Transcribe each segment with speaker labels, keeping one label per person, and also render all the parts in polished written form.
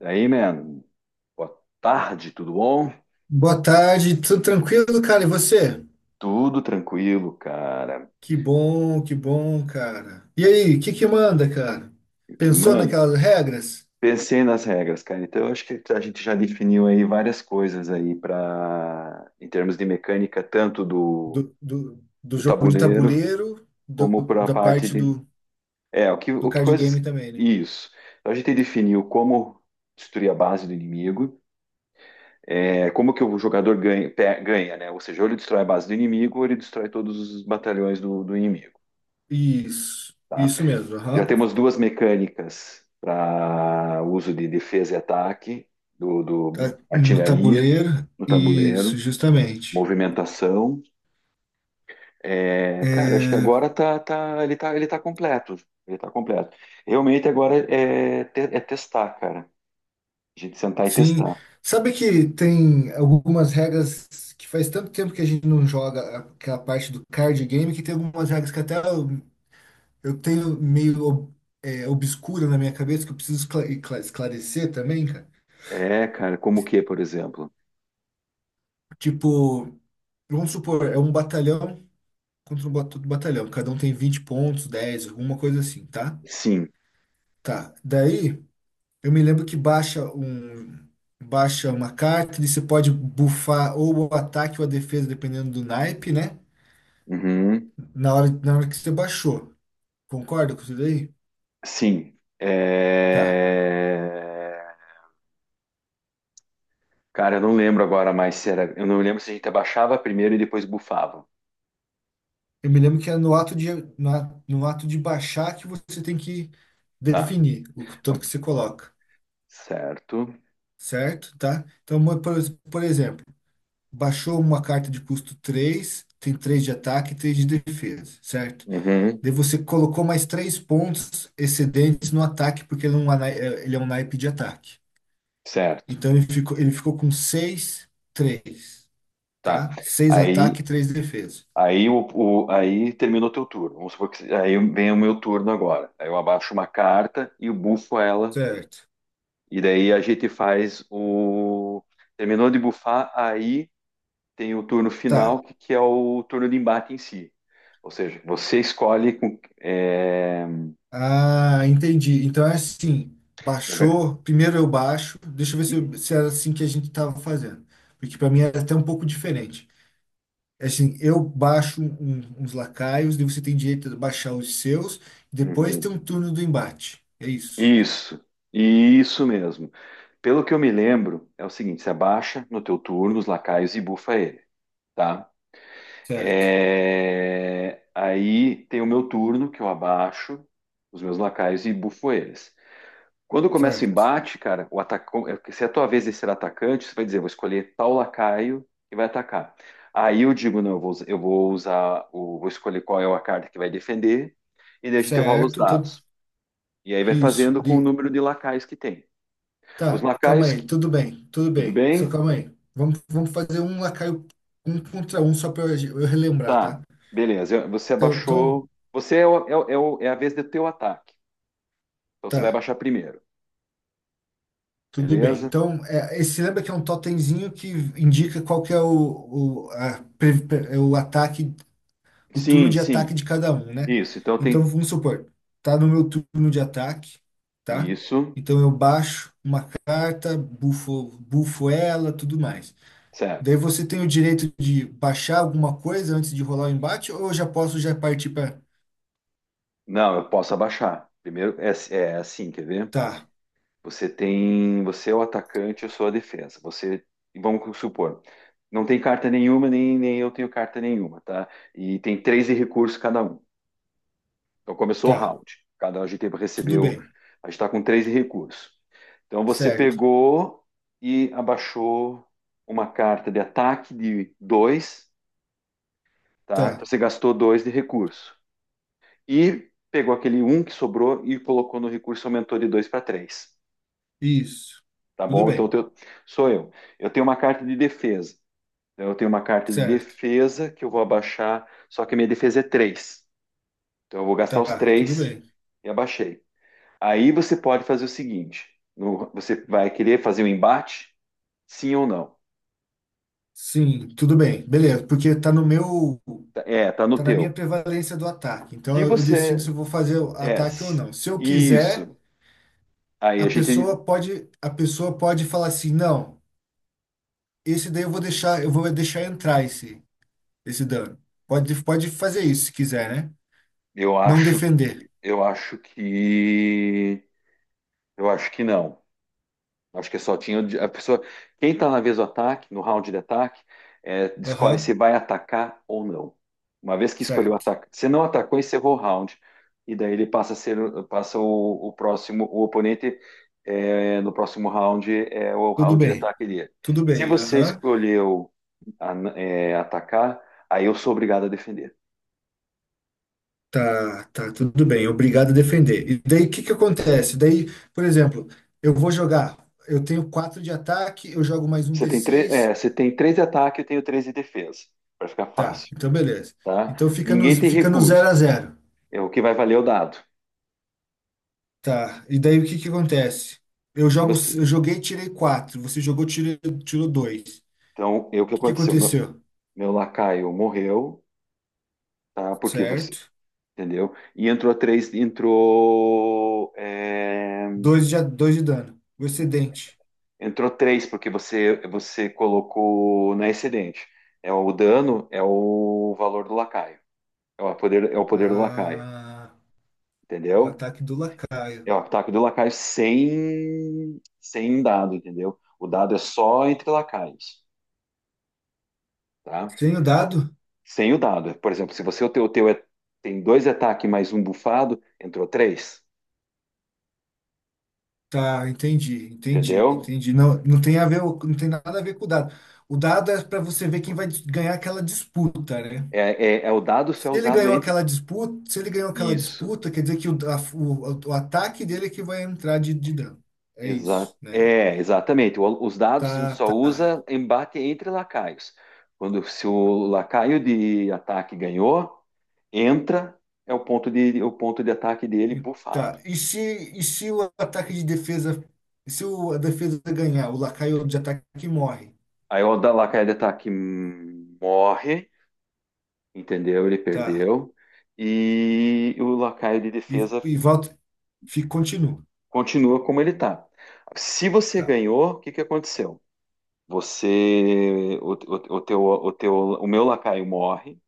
Speaker 1: E aí, mano, boa tarde, tudo bom?
Speaker 2: Boa tarde, tudo tranquilo, cara? E você?
Speaker 1: Tudo tranquilo, cara.
Speaker 2: Que bom, cara. E aí, o que que manda, cara?
Speaker 1: Eu Que,
Speaker 2: Pensou
Speaker 1: mano,
Speaker 2: naquelas regras
Speaker 1: pensei nas regras, cara. Então, eu acho que a gente já definiu aí várias coisas aí para em termos de mecânica, tanto do,
Speaker 2: do
Speaker 1: do
Speaker 2: jogo de
Speaker 1: tabuleiro
Speaker 2: tabuleiro,
Speaker 1: como para a
Speaker 2: da
Speaker 1: parte
Speaker 2: parte
Speaker 1: de.
Speaker 2: do,
Speaker 1: É, o que,
Speaker 2: do
Speaker 1: o que
Speaker 2: card
Speaker 1: coisas.
Speaker 2: game também, né?
Speaker 1: Isso. Então, a gente definiu como destruir a base do inimigo, é, como que o jogador ganha, ganha, né? Ou seja, ou ele destrói a base do inimigo, ou ele destrói todos os batalhões do inimigo.
Speaker 2: Isso,
Speaker 1: Tá?
Speaker 2: isso mesmo,
Speaker 1: Já
Speaker 2: aham.
Speaker 1: temos duas mecânicas para uso de defesa e ataque do
Speaker 2: Tá. No
Speaker 1: artilharia
Speaker 2: tabuleiro,
Speaker 1: no
Speaker 2: isso,
Speaker 1: tabuleiro,
Speaker 2: justamente.
Speaker 1: movimentação. É, cara, acho que
Speaker 2: É,
Speaker 1: agora ele tá completo. Ele tá completo. Realmente agora é, é testar, cara. A gente sentar e
Speaker 2: sim,
Speaker 1: testar.
Speaker 2: sabe que tem algumas regras que faz tanto tempo que a gente não joga aquela parte do card game que tem algumas regras que até eu tenho meio obscura na minha cabeça que eu preciso esclarecer também, cara.
Speaker 1: É, cara, como o que, por exemplo?
Speaker 2: Tipo, vamos supor, é um batalhão contra outro batalhão. Cada um tem 20 pontos, 10, alguma coisa assim, tá?
Speaker 1: Sim.
Speaker 2: Tá. Daí, eu me lembro que baixa uma carta e você pode bufar ou o ataque ou a defesa, dependendo do naipe, né?
Speaker 1: Uhum.
Speaker 2: Na hora que você baixou. Concorda com isso daí?
Speaker 1: Sim.
Speaker 2: Tá.
Speaker 1: É... Cara, eu não lembro agora mais se era. Eu não lembro se a gente abaixava primeiro e depois bufava.
Speaker 2: Eu me lembro que é no ato de baixar que você tem que
Speaker 1: Tá.
Speaker 2: definir o tanto que você coloca,
Speaker 1: Certo.
Speaker 2: certo? Tá? Então, por exemplo, baixou uma carta de custo 3, tem 3 de ataque e 3 de defesa, certo?
Speaker 1: Uhum.
Speaker 2: Daí você colocou mais 3 pontos excedentes no ataque, porque ele é um naipe de ataque.
Speaker 1: Certo.
Speaker 2: Então, ele ficou com 6, 3,
Speaker 1: Tá.
Speaker 2: tá? 6
Speaker 1: Aí,
Speaker 2: ataque e 3 defesa,
Speaker 1: aí, o, aí terminou teu turno. Vamos supor que aí vem o meu turno agora. Aí eu abaixo uma carta e eu bufo ela.
Speaker 2: certo?
Speaker 1: E daí a gente faz o. Terminou de bufar, aí tem o turno
Speaker 2: Tá.
Speaker 1: final, que é o turno de embate em si. Ou seja, você escolhe com. É...
Speaker 2: Ah, entendi. Então é assim,
Speaker 1: na ver-
Speaker 2: baixou, primeiro eu baixo, deixa eu ver se era assim que a gente estava fazendo, porque para mim era até um pouco diferente. É assim, eu baixo uns lacaios, daí você tem direito a baixar os seus, depois
Speaker 1: Uhum.
Speaker 2: tem um turno do embate. É isso.
Speaker 1: Isso, isso mesmo. Pelo que eu me lembro, é o seguinte: você abaixa no teu turno os lacaios e bufa ele, tá?
Speaker 2: Certo,
Speaker 1: É, aí tem o meu turno, que eu abaixo os meus lacaios e bufo eles. Quando começa o
Speaker 2: certo,
Speaker 1: embate, cara, o atacão, é, se é a tua vez de ser atacante, você vai dizer, vou escolher tal lacaio e vai atacar. Aí eu digo, não, eu vou usar, vou escolher qual é a carta que vai defender, e daí a gente rola os
Speaker 2: certo. Então,
Speaker 1: dados. E aí vai
Speaker 2: isso.
Speaker 1: fazendo com o número de lacaios que tem. Os
Speaker 2: Tá, calma
Speaker 1: lacaios,
Speaker 2: aí,
Speaker 1: que-
Speaker 2: tudo bem, tudo
Speaker 1: Tudo
Speaker 2: bem. Só
Speaker 1: bem?
Speaker 2: calma aí. Vamos fazer um lacaio um contra um só para eu relembrar,
Speaker 1: Tá,
Speaker 2: tá?
Speaker 1: beleza. Você
Speaker 2: Então,
Speaker 1: abaixou. Você é, é a vez do teu ataque. Então você vai
Speaker 2: tá.
Speaker 1: abaixar primeiro,
Speaker 2: Tudo bem.
Speaker 1: beleza?
Speaker 2: Então, esse lembra que é um totemzinho que indica qual que é o, a pre- pre- é o ataque, o turno
Speaker 1: Sim,
Speaker 2: de
Speaker 1: sim.
Speaker 2: ataque de cada um, né?
Speaker 1: Isso. Então
Speaker 2: Então,
Speaker 1: tem.
Speaker 2: vamos supor, tá no meu turno de ataque, tá?
Speaker 1: Isso,
Speaker 2: Então eu baixo uma carta, bufo ela, tudo mais. Daí
Speaker 1: certo.
Speaker 2: você tem o direito de baixar alguma coisa antes de rolar o embate, ou eu já posso já partir para.
Speaker 1: Não, eu posso abaixar. Primeiro é, é assim, quer ver?
Speaker 2: Tá,
Speaker 1: Você tem. Você é o atacante, eu sou a defesa. Você. Vamos supor. Não tem carta nenhuma, nem eu tenho carta nenhuma, tá? E tem três de recurso cada um. Então começou o
Speaker 2: tá,
Speaker 1: round. Cada GT
Speaker 2: tudo
Speaker 1: recebeu.
Speaker 2: bem,
Speaker 1: A gente está com três recursos. Então você
Speaker 2: certo,
Speaker 1: pegou e abaixou uma carta de ataque de dois, tá?
Speaker 2: tá,
Speaker 1: Então você gastou dois de recurso. E pegou aquele um que sobrou e colocou no recurso, aumentou de dois para três.
Speaker 2: isso,
Speaker 1: Tá
Speaker 2: tudo
Speaker 1: bom? Então
Speaker 2: bem,
Speaker 1: eu sou eu. Eu tenho uma carta de defesa. Então, eu tenho uma carta de
Speaker 2: certo,
Speaker 1: defesa que eu vou abaixar, só que a minha defesa é 3. Então eu vou gastar os
Speaker 2: tá, tudo
Speaker 1: 3
Speaker 2: bem.
Speaker 1: e abaixei. Aí você pode fazer o seguinte: você vai querer fazer um embate? Sim ou não?
Speaker 2: Sim, tudo bem. Beleza, porque tá no meu,
Speaker 1: É, tá no
Speaker 2: tá na minha
Speaker 1: teu.
Speaker 2: prevalência do ataque. Então
Speaker 1: Se
Speaker 2: eu decido se
Speaker 1: você
Speaker 2: eu vou fazer o
Speaker 1: é
Speaker 2: ataque ou
Speaker 1: se-
Speaker 2: não. Se eu quiser,
Speaker 1: Isso, aí
Speaker 2: a
Speaker 1: a gente,
Speaker 2: pessoa pode, a pessoa pode falar assim: "Não, esse daí eu vou deixar, entrar esse dano". Pode fazer isso se quiser, né?
Speaker 1: eu
Speaker 2: Não
Speaker 1: acho,
Speaker 2: defender.
Speaker 1: eu acho que, eu acho que não. Acho que só tinha o a pessoa. Quem está na vez do ataque, no round de ataque, é, escolhe se
Speaker 2: Aham.
Speaker 1: vai atacar ou não. Uma vez que escolheu
Speaker 2: Certo.
Speaker 1: atacar, se não atacou, encerrou o round. E daí ele passa a ser, passa o próximo, o oponente é, no próximo round é o
Speaker 2: Tudo
Speaker 1: round de
Speaker 2: bem.
Speaker 1: ataque dele.
Speaker 2: Tudo
Speaker 1: Se
Speaker 2: bem.
Speaker 1: você
Speaker 2: Aham.
Speaker 1: escolheu é, atacar, aí eu sou obrigado a defender.
Speaker 2: Tá, tá, tudo bem. Obrigado a defender. E daí, o que que acontece? Daí, por exemplo, eu vou jogar. Eu tenho 4 de ataque, eu jogo mais um
Speaker 1: Você
Speaker 2: d
Speaker 1: tem três,
Speaker 2: seis.
Speaker 1: é, você tem três de ataque, eu tenho três de defesa, para ficar
Speaker 2: Tá,
Speaker 1: fácil,
Speaker 2: então beleza.
Speaker 1: tá?
Speaker 2: Então fica no,
Speaker 1: Ninguém tem
Speaker 2: fica no zero a
Speaker 1: recursos.
Speaker 2: zero.
Speaker 1: É o que vai valer é o dado.
Speaker 2: Tá, e daí o que que acontece?
Speaker 1: Se você,
Speaker 2: Eu joguei, tirei quatro. Você jogou, tirou dois. O
Speaker 1: Então, eu o que
Speaker 2: que que
Speaker 1: aconteceu?
Speaker 2: aconteceu?
Speaker 1: Meu lacaio morreu, tá? Porque você,
Speaker 2: Certo?
Speaker 1: entendeu? E entrou três,
Speaker 2: Dois de dano. O excedente.
Speaker 1: entrou três porque você colocou na excedente. É o dano, é o valor do lacaio, é o poder do lacaio,
Speaker 2: Ah, é o
Speaker 1: entendeu?
Speaker 2: ataque do
Speaker 1: É
Speaker 2: lacaio.
Speaker 1: o ataque do lacaio sem dado, entendeu? O dado é só entre lacaios, tá?
Speaker 2: Sem o dado?
Speaker 1: Sem o dado. Por exemplo, se você o teu tem dois ataques mais um bufado, entrou três.
Speaker 2: Tá, entendi, entendi,
Speaker 1: Entendeu?
Speaker 2: entendi. Não, não tem a ver, não tem nada a ver com o dado. O dado é para você ver quem vai ganhar aquela disputa, né?
Speaker 1: É, é o dado só
Speaker 2: Se
Speaker 1: é
Speaker 2: ele
Speaker 1: usado
Speaker 2: ganhou
Speaker 1: entre.
Speaker 2: aquela disputa, se ele ganhou aquela
Speaker 1: Isso.
Speaker 2: disputa, quer dizer que o ataque dele é que vai entrar de dano. É isso, né?
Speaker 1: É, exatamente. O- os dados a gente
Speaker 2: Tá,
Speaker 1: só
Speaker 2: tá.
Speaker 1: usa embate entre lacaios. Quando se o lacaio de ataque ganhou, entra, é o ponto de ataque dele
Speaker 2: E,
Speaker 1: bufado.
Speaker 2: tá. E se o ataque de defesa, e se o, a defesa ganhar, o lacaio de ataque morre,
Speaker 1: Aí o da lacaio de ataque morre, entendeu? Ele
Speaker 2: tá?
Speaker 1: perdeu. E o lacaio de
Speaker 2: E,
Speaker 1: defesa
Speaker 2: e volta, fica, continua,
Speaker 1: continua como ele está. Se você
Speaker 2: tá?
Speaker 1: ganhou, o que que aconteceu? Você, o teu, o teu, o meu lacaio morre,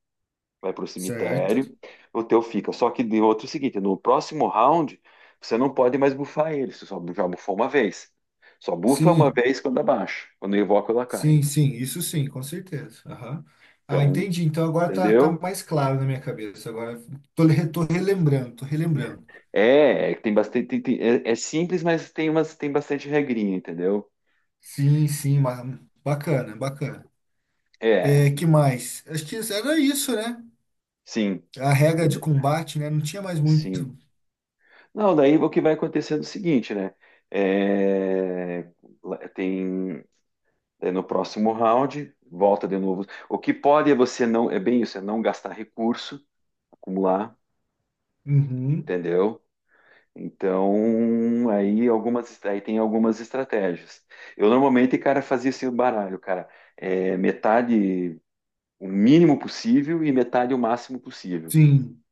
Speaker 1: vai para o
Speaker 2: Certo?
Speaker 1: cemitério, o teu fica. Só que de outro é o seguinte, no próximo round você não pode mais bufar ele, você só já bufou uma vez. Só bufa uma
Speaker 2: Sim.
Speaker 1: vez quando abaixa, quando evoca o lacaio.
Speaker 2: Sim, sim, isso sim, com certeza. Aham. Ah,
Speaker 1: Então,
Speaker 2: entendi. Então agora tá
Speaker 1: entendeu?
Speaker 2: mais claro na minha cabeça. Agora tô relembrando.
Speaker 1: É, é que tem bastante, é, é simples, mas tem umas, tem bastante regrinha, entendeu?
Speaker 2: Sim, sim, bacana, bacana.
Speaker 1: É,
Speaker 2: É, que mais? Acho que era isso, né?
Speaker 1: sim,
Speaker 2: A regra de
Speaker 1: ele-
Speaker 2: combate, né? Não tinha mais
Speaker 1: sim.
Speaker 2: muito.
Speaker 1: Não, daí o que vai acontecer é o seguinte, né? É, tem é, no próximo round, volta de novo. O que pode é você não, é bem isso, é não gastar recurso, acumular,
Speaker 2: Uhum.
Speaker 1: entendeu? Então, aí algumas, aí tem algumas estratégias. Eu normalmente, cara, fazia esse baralho, cara, é, metade o mínimo possível e metade o máximo possível,
Speaker 2: Sim,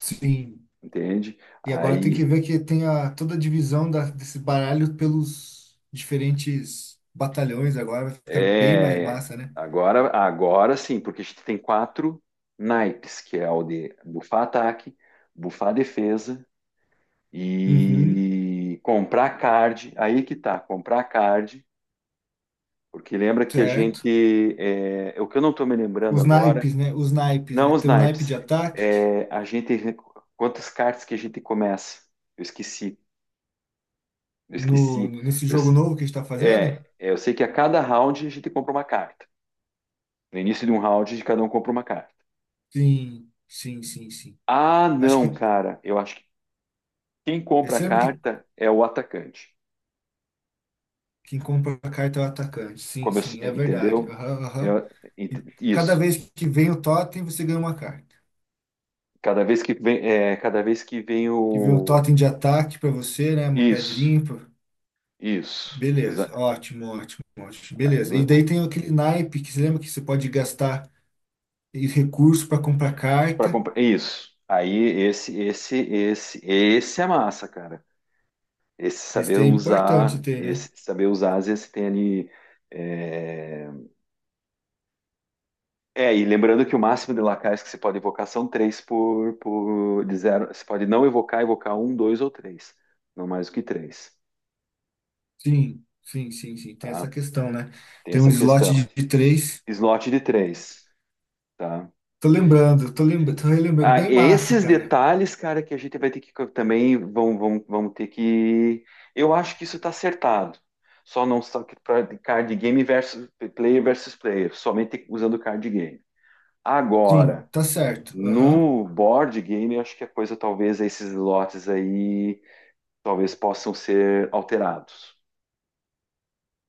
Speaker 2: sim.
Speaker 1: entende?
Speaker 2: E agora tem que
Speaker 1: Aí
Speaker 2: ver que tem toda a divisão desse baralho pelos diferentes batalhões agora. Vai ficar bem mais
Speaker 1: é,
Speaker 2: massa, né?
Speaker 1: agora, agora sim, porque a gente tem quatro naipes, que é o de bufar ataque, bufar defesa
Speaker 2: Uhum,
Speaker 1: e comprar card. Aí que tá, comprar card, porque lembra que a
Speaker 2: certo.
Speaker 1: gente, é, é o que eu não tô me lembrando
Speaker 2: Os
Speaker 1: agora,
Speaker 2: naipes, né? Os naipes,
Speaker 1: não
Speaker 2: né?
Speaker 1: os
Speaker 2: Tem um naipe
Speaker 1: naipes,
Speaker 2: de ataque
Speaker 1: é, a gente, quantas cartas que a gente começa? Eu esqueci, eu esqueci.
Speaker 2: nesse
Speaker 1: Eu,
Speaker 2: jogo novo que a gente tá fazendo?
Speaker 1: eu sei que a cada round a gente compra uma carta. No início de um round, de cada um compra uma carta.
Speaker 2: Sim, sim, sim, sim.
Speaker 1: Ah,
Speaker 2: Acho
Speaker 1: não,
Speaker 2: que
Speaker 1: cara. Eu acho que quem
Speaker 2: é
Speaker 1: compra a
Speaker 2: sempre que
Speaker 1: carta é o atacante.
Speaker 2: quem compra a carta é o atacante. Sim,
Speaker 1: Como eu s-
Speaker 2: sim, é verdade.
Speaker 1: entendeu?
Speaker 2: Aham, aham.
Speaker 1: Eu-
Speaker 2: E
Speaker 1: ent-
Speaker 2: cada
Speaker 1: Isso.
Speaker 2: vez que vem o totem, você ganha uma carta.
Speaker 1: Cada vez que vem
Speaker 2: Que vem um
Speaker 1: o
Speaker 2: totem de ataque pra você, né? Uma
Speaker 1: isso,
Speaker 2: pedrinha.
Speaker 1: isso,
Speaker 2: Beleza, ótimo, ótimo, ótimo.
Speaker 1: aí,
Speaker 2: Beleza. E daí tem aquele naipe que você lembra que você pode gastar e recurso para comprar
Speaker 1: para
Speaker 2: carta.
Speaker 1: comprar isso. Aí esse é massa, cara.
Speaker 2: Esse daí é importante ter, né?
Speaker 1: Esse saber usar, às vezes tem ali é, é, e lembrando que o máximo de lacaios que você pode evocar são três por de zero. Você pode não evocar, evocar um, dois ou três. Não mais do que três,
Speaker 2: Sim, sim, sim, sim. Tem essa
Speaker 1: tá?
Speaker 2: questão, né?
Speaker 1: Tem
Speaker 2: Tem um
Speaker 1: essa
Speaker 2: slot
Speaker 1: questão.
Speaker 2: de três.
Speaker 1: Slot de três, tá?
Speaker 2: Tô lembrando, tô relembrando.
Speaker 1: Ah,
Speaker 2: Bem massa,
Speaker 1: esses
Speaker 2: cara.
Speaker 1: detalhes, cara, que a gente vai ter que também vão ter que. Eu acho que isso tá acertado. Só não só que pra card game versus player, somente usando card game.
Speaker 2: Sim,
Speaker 1: Agora,
Speaker 2: tá certo. Aham.
Speaker 1: no board game, eu acho que a coisa talvez esses lotes aí talvez possam ser alterados,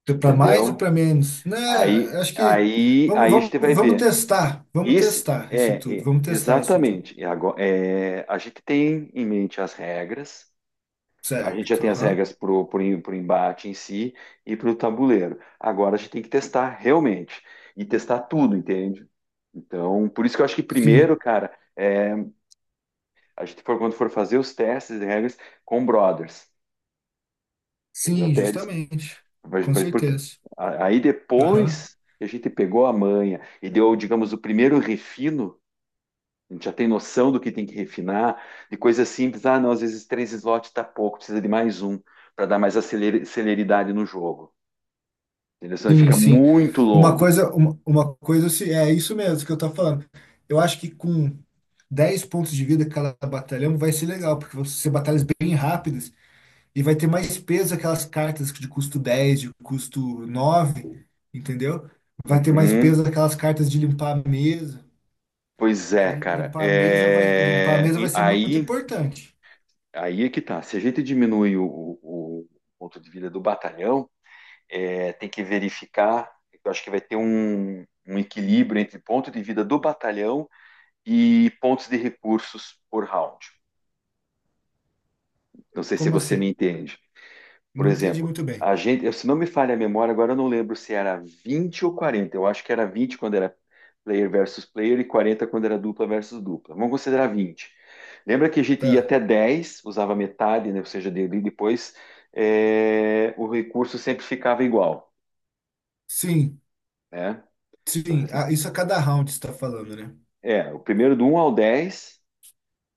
Speaker 2: Então, para mais ou
Speaker 1: entendeu?
Speaker 2: para menos? Né? Acho que
Speaker 1: Aí a gente vai
Speaker 2: vamos
Speaker 1: ver.
Speaker 2: testar. Vamos
Speaker 1: Isso
Speaker 2: testar isso
Speaker 1: é,
Speaker 2: tudo.
Speaker 1: é,
Speaker 2: Vamos testar isso tudo.
Speaker 1: exatamente. E agora, é, a gente tem em mente as regras. A gente já
Speaker 2: Certo.
Speaker 1: tem as
Speaker 2: Aham.
Speaker 1: regras para o embate em si e para o tabuleiro. Agora a gente tem que testar realmente e testar tudo, entende? Então, por isso que eu acho que primeiro,
Speaker 2: Sim.
Speaker 1: cara, é, a gente for, quando for fazer os testes de regras com brothers, entendeu?
Speaker 2: Sim,
Speaker 1: Até eles.
Speaker 2: justamente. Com
Speaker 1: Porque,
Speaker 2: certeza.
Speaker 1: aí
Speaker 2: Aham.
Speaker 1: depois que a gente pegou a manha e deu, digamos, o primeiro refino, a gente já tem noção do que tem que refinar, de coisas simples. Ah, não, às vezes três slots está pouco, precisa de mais um para dar mais celeridade no jogo. Entendeu? Senão ele
Speaker 2: Sim,
Speaker 1: fica
Speaker 2: sim.
Speaker 1: muito
Speaker 2: Uma
Speaker 1: longo.
Speaker 2: coisa, é isso mesmo que eu tô falando. Eu acho que com 10 pontos de vida cada batalhão vai ser legal, porque vão ser batalhas bem rápidas e vai ter mais peso aquelas cartas de custo 10 de custo nove, entendeu? Vai ter mais
Speaker 1: Uhum.
Speaker 2: peso aquelas cartas de limpar a mesa,
Speaker 1: Pois
Speaker 2: porque
Speaker 1: é, cara.
Speaker 2: limpar a
Speaker 1: É,
Speaker 2: mesa vai
Speaker 1: e
Speaker 2: ser muito
Speaker 1: Aí,
Speaker 2: importante.
Speaker 1: aí é que tá. Se a gente diminui o ponto de vida do batalhão, é, tem que verificar. Eu acho que vai ter um, um equilíbrio entre ponto de vida do batalhão e pontos de recursos por round. Não sei se
Speaker 2: Como
Speaker 1: você me
Speaker 2: assim?
Speaker 1: entende. Por
Speaker 2: Não entendi
Speaker 1: exemplo,
Speaker 2: muito bem.
Speaker 1: a gente, se não me falha a memória, agora eu não lembro se era 20 ou 40. Eu acho que era 20 quando era player versus player e 40 quando era dupla versus dupla. Vamos considerar 20. Lembra que a gente ia
Speaker 2: Tá.
Speaker 1: até 10 usava metade, né? Ou seja, depois é, o recurso sempre ficava igual.
Speaker 2: Sim,
Speaker 1: Né? Então,
Speaker 2: sim. Ah, isso a cada round você está falando, né?
Speaker 1: é, o primeiro do um ao 10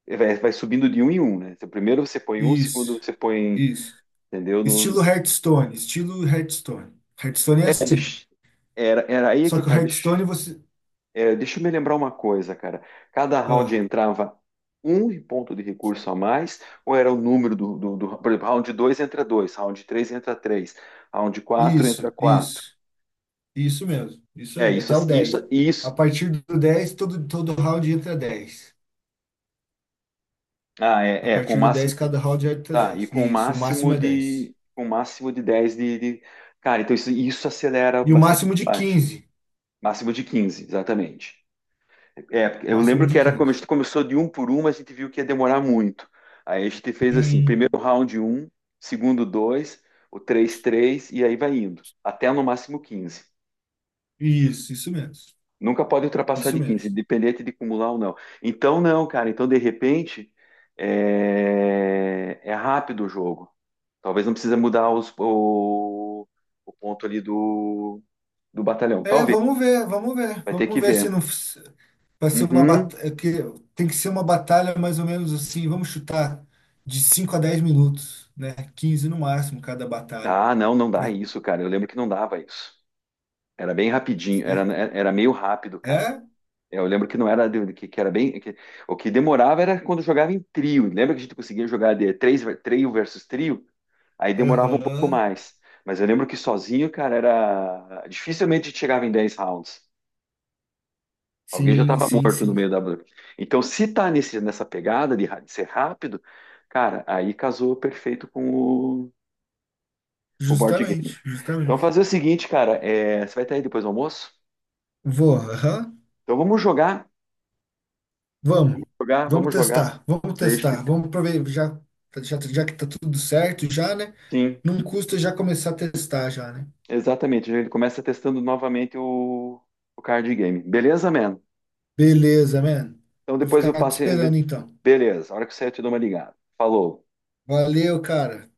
Speaker 1: eh, vai, vai subindo de um em um, né? Então, primeiro você põe um, segundo
Speaker 2: Isso,
Speaker 1: você põe,
Speaker 2: isso.
Speaker 1: entendeu?
Speaker 2: Estilo Hearthstone, estilo Hearthstone. Hearthstone é
Speaker 1: É,
Speaker 2: assim.
Speaker 1: deixa, era, era aí é
Speaker 2: Só
Speaker 1: que
Speaker 2: que o
Speaker 1: tá,
Speaker 2: Hearthstone você.
Speaker 1: deixa eu me lembrar uma coisa, cara. Cada round
Speaker 2: Ah,
Speaker 1: entrava um ponto de recurso a mais, ou era o número por exemplo, round 2 entra 2, round 3 entra 3, round 4 entra
Speaker 2: isso,
Speaker 1: 4.
Speaker 2: isso, isso mesmo. Isso
Speaker 1: É,
Speaker 2: aí, até o 10. A
Speaker 1: isso.
Speaker 2: partir do 10 todo round entra 10.
Speaker 1: Ah,
Speaker 2: A
Speaker 1: é, é, com o
Speaker 2: partir do
Speaker 1: máximo.
Speaker 2: 10 cada round entra
Speaker 1: Tá, e
Speaker 2: dez
Speaker 1: com o
Speaker 2: Isso, o máximo
Speaker 1: máximo
Speaker 2: é dez
Speaker 1: de, com o máximo de 10 cara, então isso acelera
Speaker 2: E o
Speaker 1: bastante
Speaker 2: máximo
Speaker 1: o
Speaker 2: de
Speaker 1: combate.
Speaker 2: quinze
Speaker 1: Máximo de 15 exatamente. É, eu
Speaker 2: Máximo
Speaker 1: lembro
Speaker 2: de
Speaker 1: que era como a
Speaker 2: quinze
Speaker 1: gente começou de um por um, mas a gente viu que ia demorar muito. Aí a gente fez assim, primeiro
Speaker 2: Sim.
Speaker 1: round um, segundo dois, o 3 3 e aí vai indo, até no máximo 15.
Speaker 2: Isso mesmo.
Speaker 1: Nunca pode ultrapassar
Speaker 2: Isso
Speaker 1: de 15
Speaker 2: mesmo.
Speaker 1: independente de acumular ou não. Então não, cara, então de repente é, é rápido o jogo. Talvez não precisa mudar o ponto ali do batalhão.
Speaker 2: É,
Speaker 1: Talvez.
Speaker 2: vamos ver, vamos ver.
Speaker 1: Vai ter
Speaker 2: Vamos
Speaker 1: que
Speaker 2: ver se
Speaker 1: ver.
Speaker 2: não. Vai ser uma
Speaker 1: Uhum.
Speaker 2: batalha que tem que ser uma batalha mais ou menos assim, vamos chutar de 5 a 10 minutos, né? 15 no máximo cada batalha.
Speaker 1: Ah, não, não dá
Speaker 2: Pra-
Speaker 1: isso, cara. Eu lembro que não dava isso. Era bem rapidinho, era, era meio rápido, cara.
Speaker 2: É?
Speaker 1: Eu lembro que não era de- que era bem. O que demorava era quando jogava em trio. Lembra que a gente conseguia jogar de três, trio versus trio? Aí demorava um pouco
Speaker 2: Aham.
Speaker 1: mais. Mas eu lembro que sozinho, cara, era. Dificilmente a gente chegava em 10 rounds. Alguém já
Speaker 2: Sim,
Speaker 1: estava
Speaker 2: sim,
Speaker 1: morto no
Speaker 2: sim.
Speaker 1: meio da. Então, se tá nesse, nessa pegada de, de ser rápido, cara, aí casou perfeito com com o board
Speaker 2: Justamente,
Speaker 1: game. Então,
Speaker 2: justamente.
Speaker 1: fazer o seguinte, cara, é, você vai estar aí depois do almoço?
Speaker 2: Vou, aham.
Speaker 1: Então, vamos jogar,
Speaker 2: Vamos.
Speaker 1: jogar,
Speaker 2: Vamos
Speaker 1: vamos jogar.
Speaker 2: testar. Vamos
Speaker 1: Daí a gente...
Speaker 2: testar. Vamos prover já já que tá tudo certo já, né?
Speaker 1: Sim,
Speaker 2: Não custa já começar a testar já, né?
Speaker 1: exatamente. Ele começa testando novamente o card game. Beleza, man?
Speaker 2: Beleza, man.
Speaker 1: Então,
Speaker 2: Vou
Speaker 1: depois eu
Speaker 2: ficar te
Speaker 1: passo.
Speaker 2: esperando então.
Speaker 1: Beleza, a hora que você eu te dou uma ligada. Falou.
Speaker 2: Valeu, cara.